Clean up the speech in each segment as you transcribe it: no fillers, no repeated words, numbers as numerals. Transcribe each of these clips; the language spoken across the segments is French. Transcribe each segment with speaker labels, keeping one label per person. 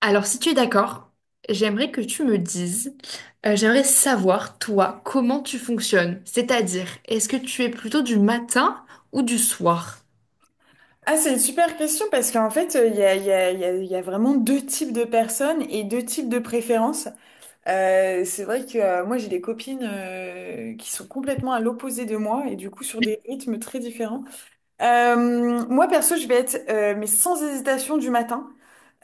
Speaker 1: Alors, si tu es d'accord, j'aimerais que tu me dises, j'aimerais savoir, toi, comment tu fonctionnes. C'est-à-dire, est-ce que tu es plutôt du matin ou du soir?
Speaker 2: Ah, c'est une super question parce qu'en fait, il y a, il y a, il y a, il y a vraiment deux types de personnes et deux types de préférences. C'est vrai que moi, j'ai des copines qui sont complètement à l'opposé de moi et du coup sur des rythmes très différents. Moi, perso, je vais être, mais sans hésitation, du matin.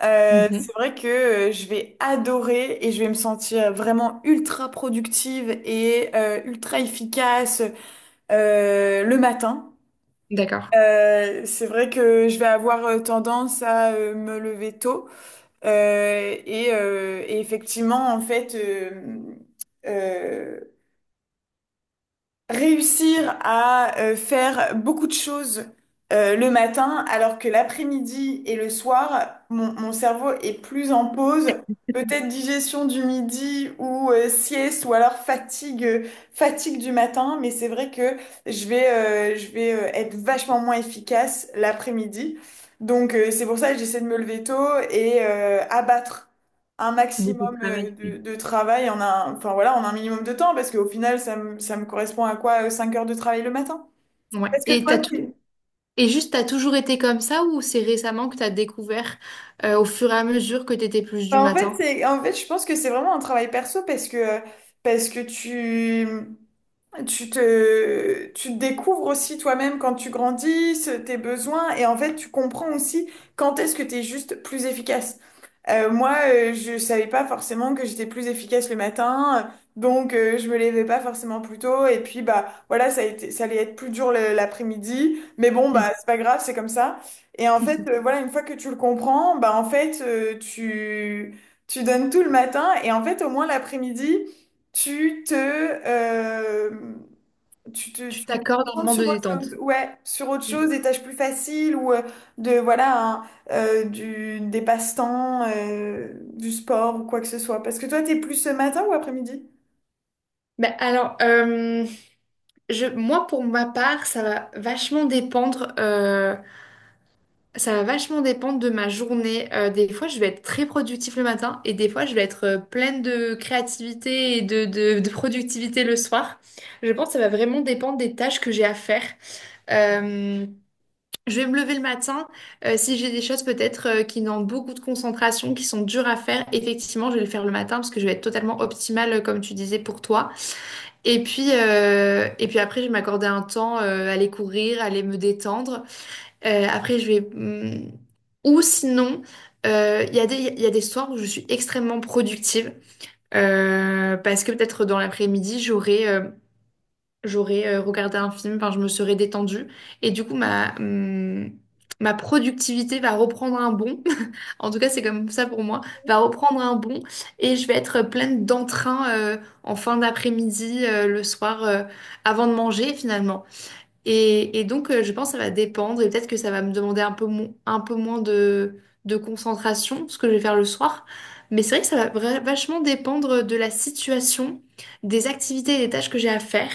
Speaker 1: Mhm.
Speaker 2: C'est vrai que je vais adorer et je vais me sentir vraiment ultra productive et ultra efficace le matin.
Speaker 1: D'accord.
Speaker 2: C'est vrai que je vais avoir tendance à me lever tôt. Et effectivement en fait euh, réussir à faire beaucoup de choses le matin, alors que l'après-midi et le soir, mon cerveau est plus en pause. Peut-être digestion du midi ou sieste ou alors fatigue du matin, mais c'est vrai que je vais être vachement moins efficace l'après-midi. Donc c'est pour ça que j'essaie de me lever tôt et abattre un
Speaker 1: Beaucoup de
Speaker 2: maximum
Speaker 1: travail.
Speaker 2: de travail enfin voilà, en un minimum de temps, parce qu'au final, ça me correspond à quoi? 5 heures de travail le matin?
Speaker 1: Mhm. Ouais.
Speaker 2: Parce que
Speaker 1: Et
Speaker 2: toi,
Speaker 1: t'as tout... Et juste, t'as toujours été comme ça ou c'est récemment que t'as découvert, au fur et à mesure que t'étais plus du
Speaker 2: enfin, en fait,
Speaker 1: matin?
Speaker 2: en fait, je pense que c'est vraiment un travail perso parce que tu te découvres aussi toi-même quand tu grandis, tes besoins, et en fait, tu comprends aussi quand est-ce que tu es juste plus efficace. Moi, je savais pas forcément que j'étais plus efficace le matin, donc je me levais pas forcément plus tôt, et puis bah voilà, ça allait être plus dur l'après-midi, mais bon, bah
Speaker 1: Mhm.
Speaker 2: c'est pas grave, c'est comme ça. Et en fait, voilà, une fois que tu le comprends, bah en fait, tu donnes tout le matin, et en fait, au moins l'après-midi tu te, euh, tu te,
Speaker 1: Tu
Speaker 2: tu te
Speaker 1: t'accordes un
Speaker 2: concentres
Speaker 1: moment de
Speaker 2: sur autre chose.
Speaker 1: détente.
Speaker 2: Ouais, sur autre
Speaker 1: Mhm.
Speaker 2: chose, des tâches plus faciles ou voilà, hein, des passe-temps, du sport ou quoi que ce soit. Parce que toi, t'es plus ce matin ou après-midi?
Speaker 1: Ben alors, moi, pour ma part, ça va vachement dépendre. Ça va vachement dépendre de ma journée. Des fois, je vais être très productif le matin et des fois, je vais être pleine de créativité et de productivité le soir. Je pense que ça va vraiment dépendre des tâches que j'ai à faire. Euh, je vais me lever le matin. Si j'ai des choses peut-être qui demandent beaucoup de concentration, qui sont dures à faire, effectivement, je vais le faire le matin parce que je vais être totalement optimale, comme tu disais, pour toi. Et puis après, je vais m'accorder un temps, aller courir, aller me détendre. Après, je vais... Ou sinon, il y a des, il y a des soirs où je suis extrêmement productive. Parce que peut-être dans l'après-midi, j'aurais regardé un film, enfin, je me serais détendue. Et du coup, ma productivité va reprendre un bond. En tout cas, c'est comme ça pour moi. Va reprendre un bond. Et je vais être pleine d'entrain en fin d'après-midi, le soir, avant de manger finalement. Et donc, je pense que ça va dépendre et peut-être que ça va me demander un peu moins de concentration, ce que je vais faire le soir. Mais c'est vrai que ça va vachement dépendre de la situation, des activités et des tâches que j'ai à faire.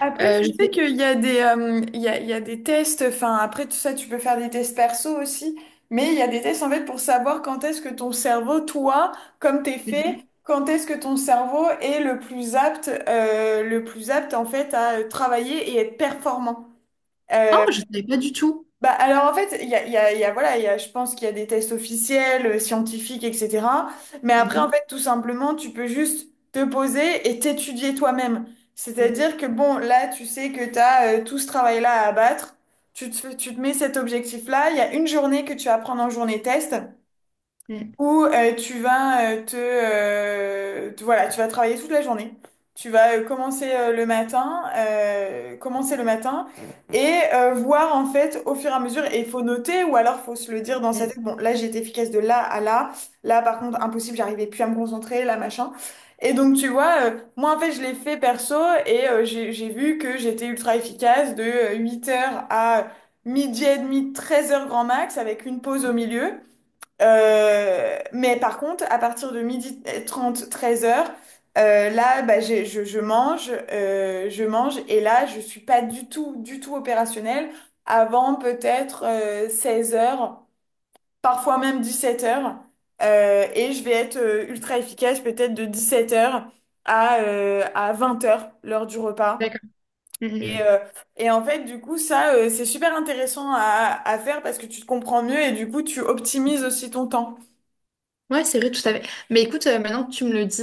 Speaker 2: Après,
Speaker 1: Euh,
Speaker 2: tu
Speaker 1: je
Speaker 2: sais
Speaker 1: sais...
Speaker 2: qu'il y a des tests, enfin après tout ça, tu peux faire des tests perso aussi, mais il y a des tests en fait pour savoir quand est-ce que ton cerveau, toi, comme t'es fait,
Speaker 1: Mhm.
Speaker 2: quand est-ce que ton cerveau est le plus apte en fait à travailler et être performant. Euh,
Speaker 1: Oh, je ne savais pas du tout.
Speaker 2: Bah, alors en fait, il y a, il y a- il y a- voilà, je pense qu'il y a des tests officiels, scientifiques, etc. Mais après, en
Speaker 1: Mhm.
Speaker 2: fait, tout simplement, tu peux juste te poser et t'étudier toi-même.
Speaker 1: Mm,
Speaker 2: C'est-à-dire que bon, là, tu sais que tu as tout ce travail-là à abattre. Tu te mets cet objectif-là. Il y a une journée que tu vas prendre en journée test
Speaker 1: mm,
Speaker 2: où tu vas voilà, tu vas travailler toute la journée. Tu vas commencer le matin et voir en fait au fur et à mesure. Et il faut noter ou alors faut se le dire dans sa
Speaker 1: mm.
Speaker 2: tête. Bon, là j'ai été efficace de là à là. Là par contre impossible, j'arrivais plus à me concentrer, là machin. Et donc tu vois, moi en fait je l'ai fait perso et j'ai vu que j'étais ultra efficace de 8 heures à midi et demi, 13 heures grand max avec une pause au milieu. Mais par contre, à partir de midi 30 13 heures, là, bah, je mange, et là, je suis pas du tout, du tout opérationnelle avant peut-être 16 heures, parfois même 17 heures, et je vais être ultra efficace peut-être de 17 heures à 20 heures, l'heure du repas. Et,
Speaker 1: D'accord.
Speaker 2: euh, et en fait, du coup, ça, c'est super intéressant à faire parce que tu te comprends mieux et du coup, tu optimises aussi ton temps.
Speaker 1: Ouais, c'est vrai, tout à fait. Mais écoute, maintenant que tu me le dis,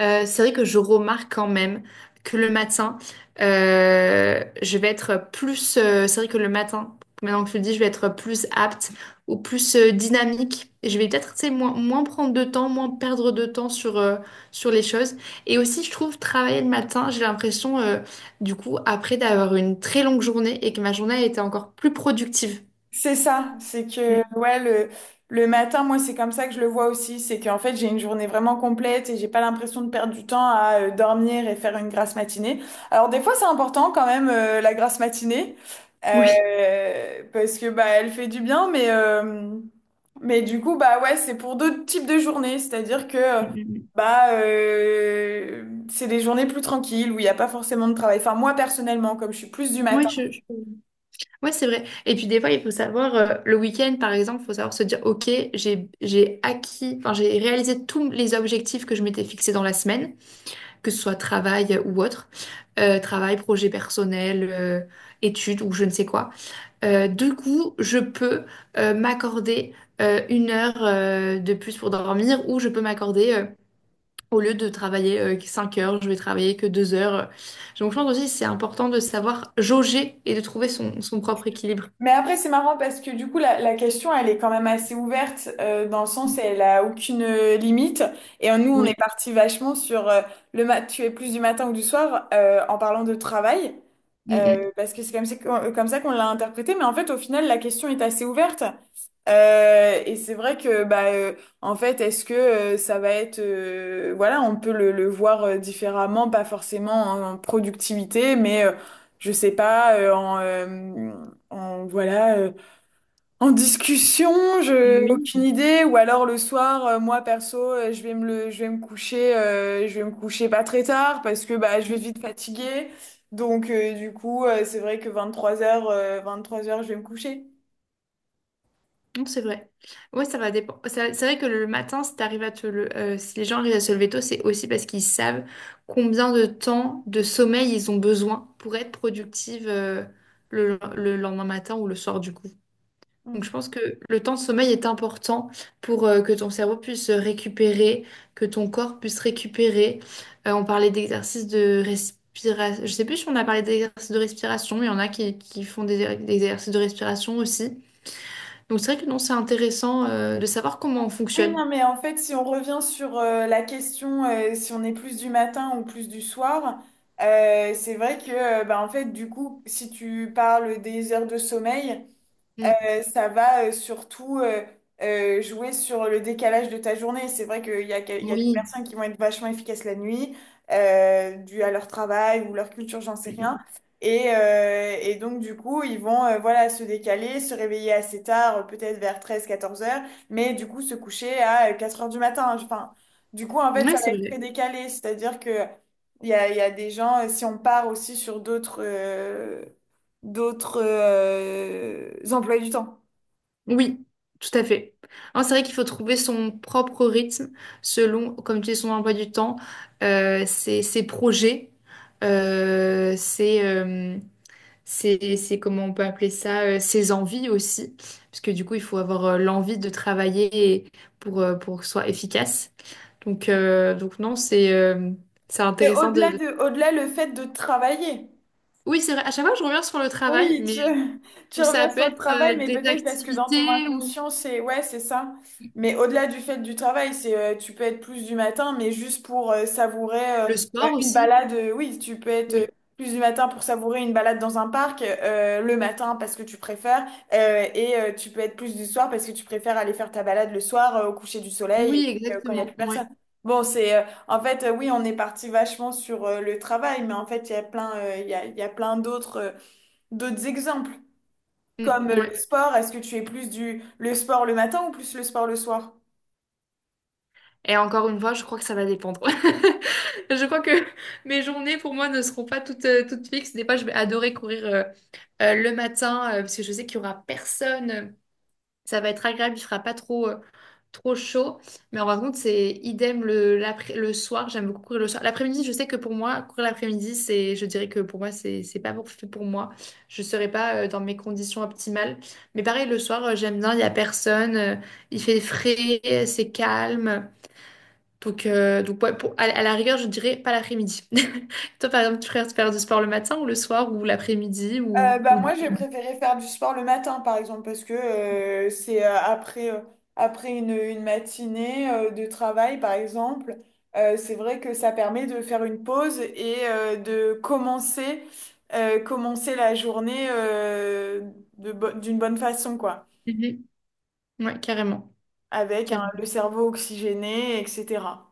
Speaker 1: c'est vrai que je remarque quand même que le matin, je vais être plus... c'est vrai que le matin, maintenant que tu le dis, je vais être plus apte ou plus dynamique. Et je vais peut-être, tu sais, moins prendre de temps, moins perdre de temps sur les choses. Et aussi, je trouve, travailler le matin, j'ai l'impression, du coup, après d'avoir une très longue journée et que ma journée a été encore plus productive.
Speaker 2: C'est ça, c'est que
Speaker 1: Mm.
Speaker 2: ouais le matin moi c'est comme ça que je le vois aussi, c'est qu'en fait j'ai une journée vraiment complète et j'ai pas l'impression de perdre du temps à dormir et faire une grasse matinée. Alors des fois c'est important quand même la grasse matinée
Speaker 1: Oui.
Speaker 2: parce que bah elle fait du bien mais du coup bah ouais c'est pour d'autres types de journées, c'est-à-dire que
Speaker 1: Mm, mm, mm.
Speaker 2: bah euh, c'est des journées plus tranquilles où il n'y a pas forcément de travail. Enfin moi personnellement comme je suis plus du
Speaker 1: Oui,
Speaker 2: matin.
Speaker 1: Ouais, c'est vrai. Et puis des fois, il faut savoir, le week-end, par exemple, il faut savoir se dire, OK, j'ai acquis, enfin, j'ai réalisé tous les objectifs que je m'étais fixés dans la semaine, que ce soit travail ou autre, Travail, projet personnel, études ou je ne sais quoi. Du coup, je peux m'accorder 1 heure de plus pour dormir ou je peux m'accorder... Au lieu de travailler 5 heures, je vais travailler que 2 heures. Donc, je pense aussi que c'est important de savoir jauger et de trouver son propre équilibre.
Speaker 2: Mais après, c'est marrant parce que du coup, la question, elle est quand même assez ouverte dans le sens, elle a aucune limite. Et nous, on est
Speaker 1: Oui,
Speaker 2: parti vachement sur tu es plus du matin ou du soir en parlant de travail.
Speaker 1: Mm,
Speaker 2: Euh,
Speaker 1: mm.
Speaker 2: Parce que c'est comme ça qu'on l'a interprété. Mais en fait, au final, la question est assez ouverte. Et c'est vrai que, bah, en fait, est-ce que ça va être, voilà, on peut le voir différemment, pas forcément en productivité, mais je sais pas, voilà, en discussion, aucune idée. Ou alors le soir, moi perso, je vais me coucher pas très tard parce que bah, je vais vite fatiguer. Donc du coup, c'est vrai que 23 heures je vais me coucher.
Speaker 1: Non, c'est vrai. Ouais, ça va dépendre. C'est vrai que le matin, si t'arrives à si les gens arrivent à se lever tôt, c'est aussi parce qu'ils savent combien de temps de sommeil ils ont besoin pour être productive le lendemain matin ou le soir du coup. Donc
Speaker 2: Mm.
Speaker 1: je pense que le temps de sommeil est important pour que ton cerveau puisse récupérer, que ton corps puisse récupérer. On parlait d'exercices de respiration. Je sais plus si on a parlé d'exercices de respiration, mais il y en a qui font des exercices de respiration aussi. Donc c'est vrai que non, c'est intéressant de savoir comment on
Speaker 2: Oui,
Speaker 1: fonctionne.
Speaker 2: non, mais en fait, si on revient sur la question, si on est plus du matin ou plus du soir, c'est vrai que, bah, en fait, du coup, si tu parles des heures de sommeil,
Speaker 1: Mm.
Speaker 2: Euh, Ça va surtout jouer sur le décalage de ta journée. C'est vrai qu'il y a, que- il y a des
Speaker 1: Oui,
Speaker 2: personnes qui vont être vachement efficaces la nuit, dû à leur travail ou leur culture, j'en sais
Speaker 1: Mm,
Speaker 2: rien.
Speaker 1: mm.
Speaker 2: Et donc, du coup, ils vont voilà, se décaler, se réveiller assez tard, peut-être vers treize quatorze heures, mais du coup, se coucher à 4 heures du matin. Hein. Enfin, du coup, en fait,
Speaker 1: Ouais,
Speaker 2: ça va
Speaker 1: c'est
Speaker 2: être très
Speaker 1: vrai.
Speaker 2: décalé. C'est-à-dire que il y a des gens, si on part aussi sur d'autres emplois du temps.
Speaker 1: Oui, tout à fait. Non, c'est vrai qu'il faut trouver son propre rythme selon, comme tu dis, son emploi du temps, ses projets, euh, ses, euh, comment on peut appeler ça, ses envies aussi. Parce que du coup, il faut avoir l'envie de travailler pour que ce soit efficace. Donc non, c'est
Speaker 2: Et
Speaker 1: intéressant.
Speaker 2: au-delà le fait de travailler.
Speaker 1: Oui, c'est vrai. À chaque fois, je reviens sur le travail,
Speaker 2: Oui,
Speaker 1: mais
Speaker 2: tu, tu
Speaker 1: où ça
Speaker 2: reviens
Speaker 1: peut
Speaker 2: sur le
Speaker 1: être
Speaker 2: travail, mais
Speaker 1: des
Speaker 2: peut-être parce que dans ton
Speaker 1: activités ou
Speaker 2: inconscient, c'est ouais, c'est ça. Mais au-delà du fait du travail, c'est tu peux être plus du matin, mais juste pour savourer
Speaker 1: le sport
Speaker 2: une
Speaker 1: aussi.
Speaker 2: balade. Oui, tu peux être
Speaker 1: Oui,
Speaker 2: plus du matin pour savourer une balade dans un parc le matin parce que tu préfères, et tu peux être plus du soir parce que tu préfères aller faire ta balade le soir au coucher du soleil et
Speaker 1: oui,
Speaker 2: puis, quand il n'y a
Speaker 1: exactement.
Speaker 2: plus
Speaker 1: Ouais.
Speaker 2: personne. Bon, c'est en fait oui, on est parti vachement sur le travail, mais en fait il y a plein d'autres. D'autres exemples,
Speaker 1: Mm,
Speaker 2: comme
Speaker 1: ouais.
Speaker 2: le sport, est-ce que tu es plus du le sport le matin ou plus le sport le soir?
Speaker 1: Et encore une fois, je crois que ça va dépendre. Je crois que mes journées pour moi ne seront pas toutes fixes. Des fois, je vais adorer courir le matin parce que je sais qu'il y aura personne. Ça va être agréable, il fera pas trop chaud. Mais en contre, c'est idem le soir. J'aime beaucoup courir le soir. L'après-midi, je sais que pour moi, courir l'après-midi, c'est, je dirais que pour moi, c'est pas fait pour moi. Je serais pas dans mes conditions optimales. Mais pareil, le soir, j'aime bien, il y a personne. Il fait frais, c'est calme. Donc ouais, à la rigueur, je dirais pas l'après-midi. Toi, par exemple, tu préfères faire du sport le matin ou le soir ou l'après-midi ou,
Speaker 2: Bah
Speaker 1: ou...
Speaker 2: moi j'ai préféré faire du sport le matin par exemple parce que c'est après une matinée de travail par exemple c'est vrai que ça permet de faire une pause et de commencer la journée d'une bonne façon quoi
Speaker 1: Mhm. Ouais, carrément.
Speaker 2: avec hein, le cerveau oxygéné etc.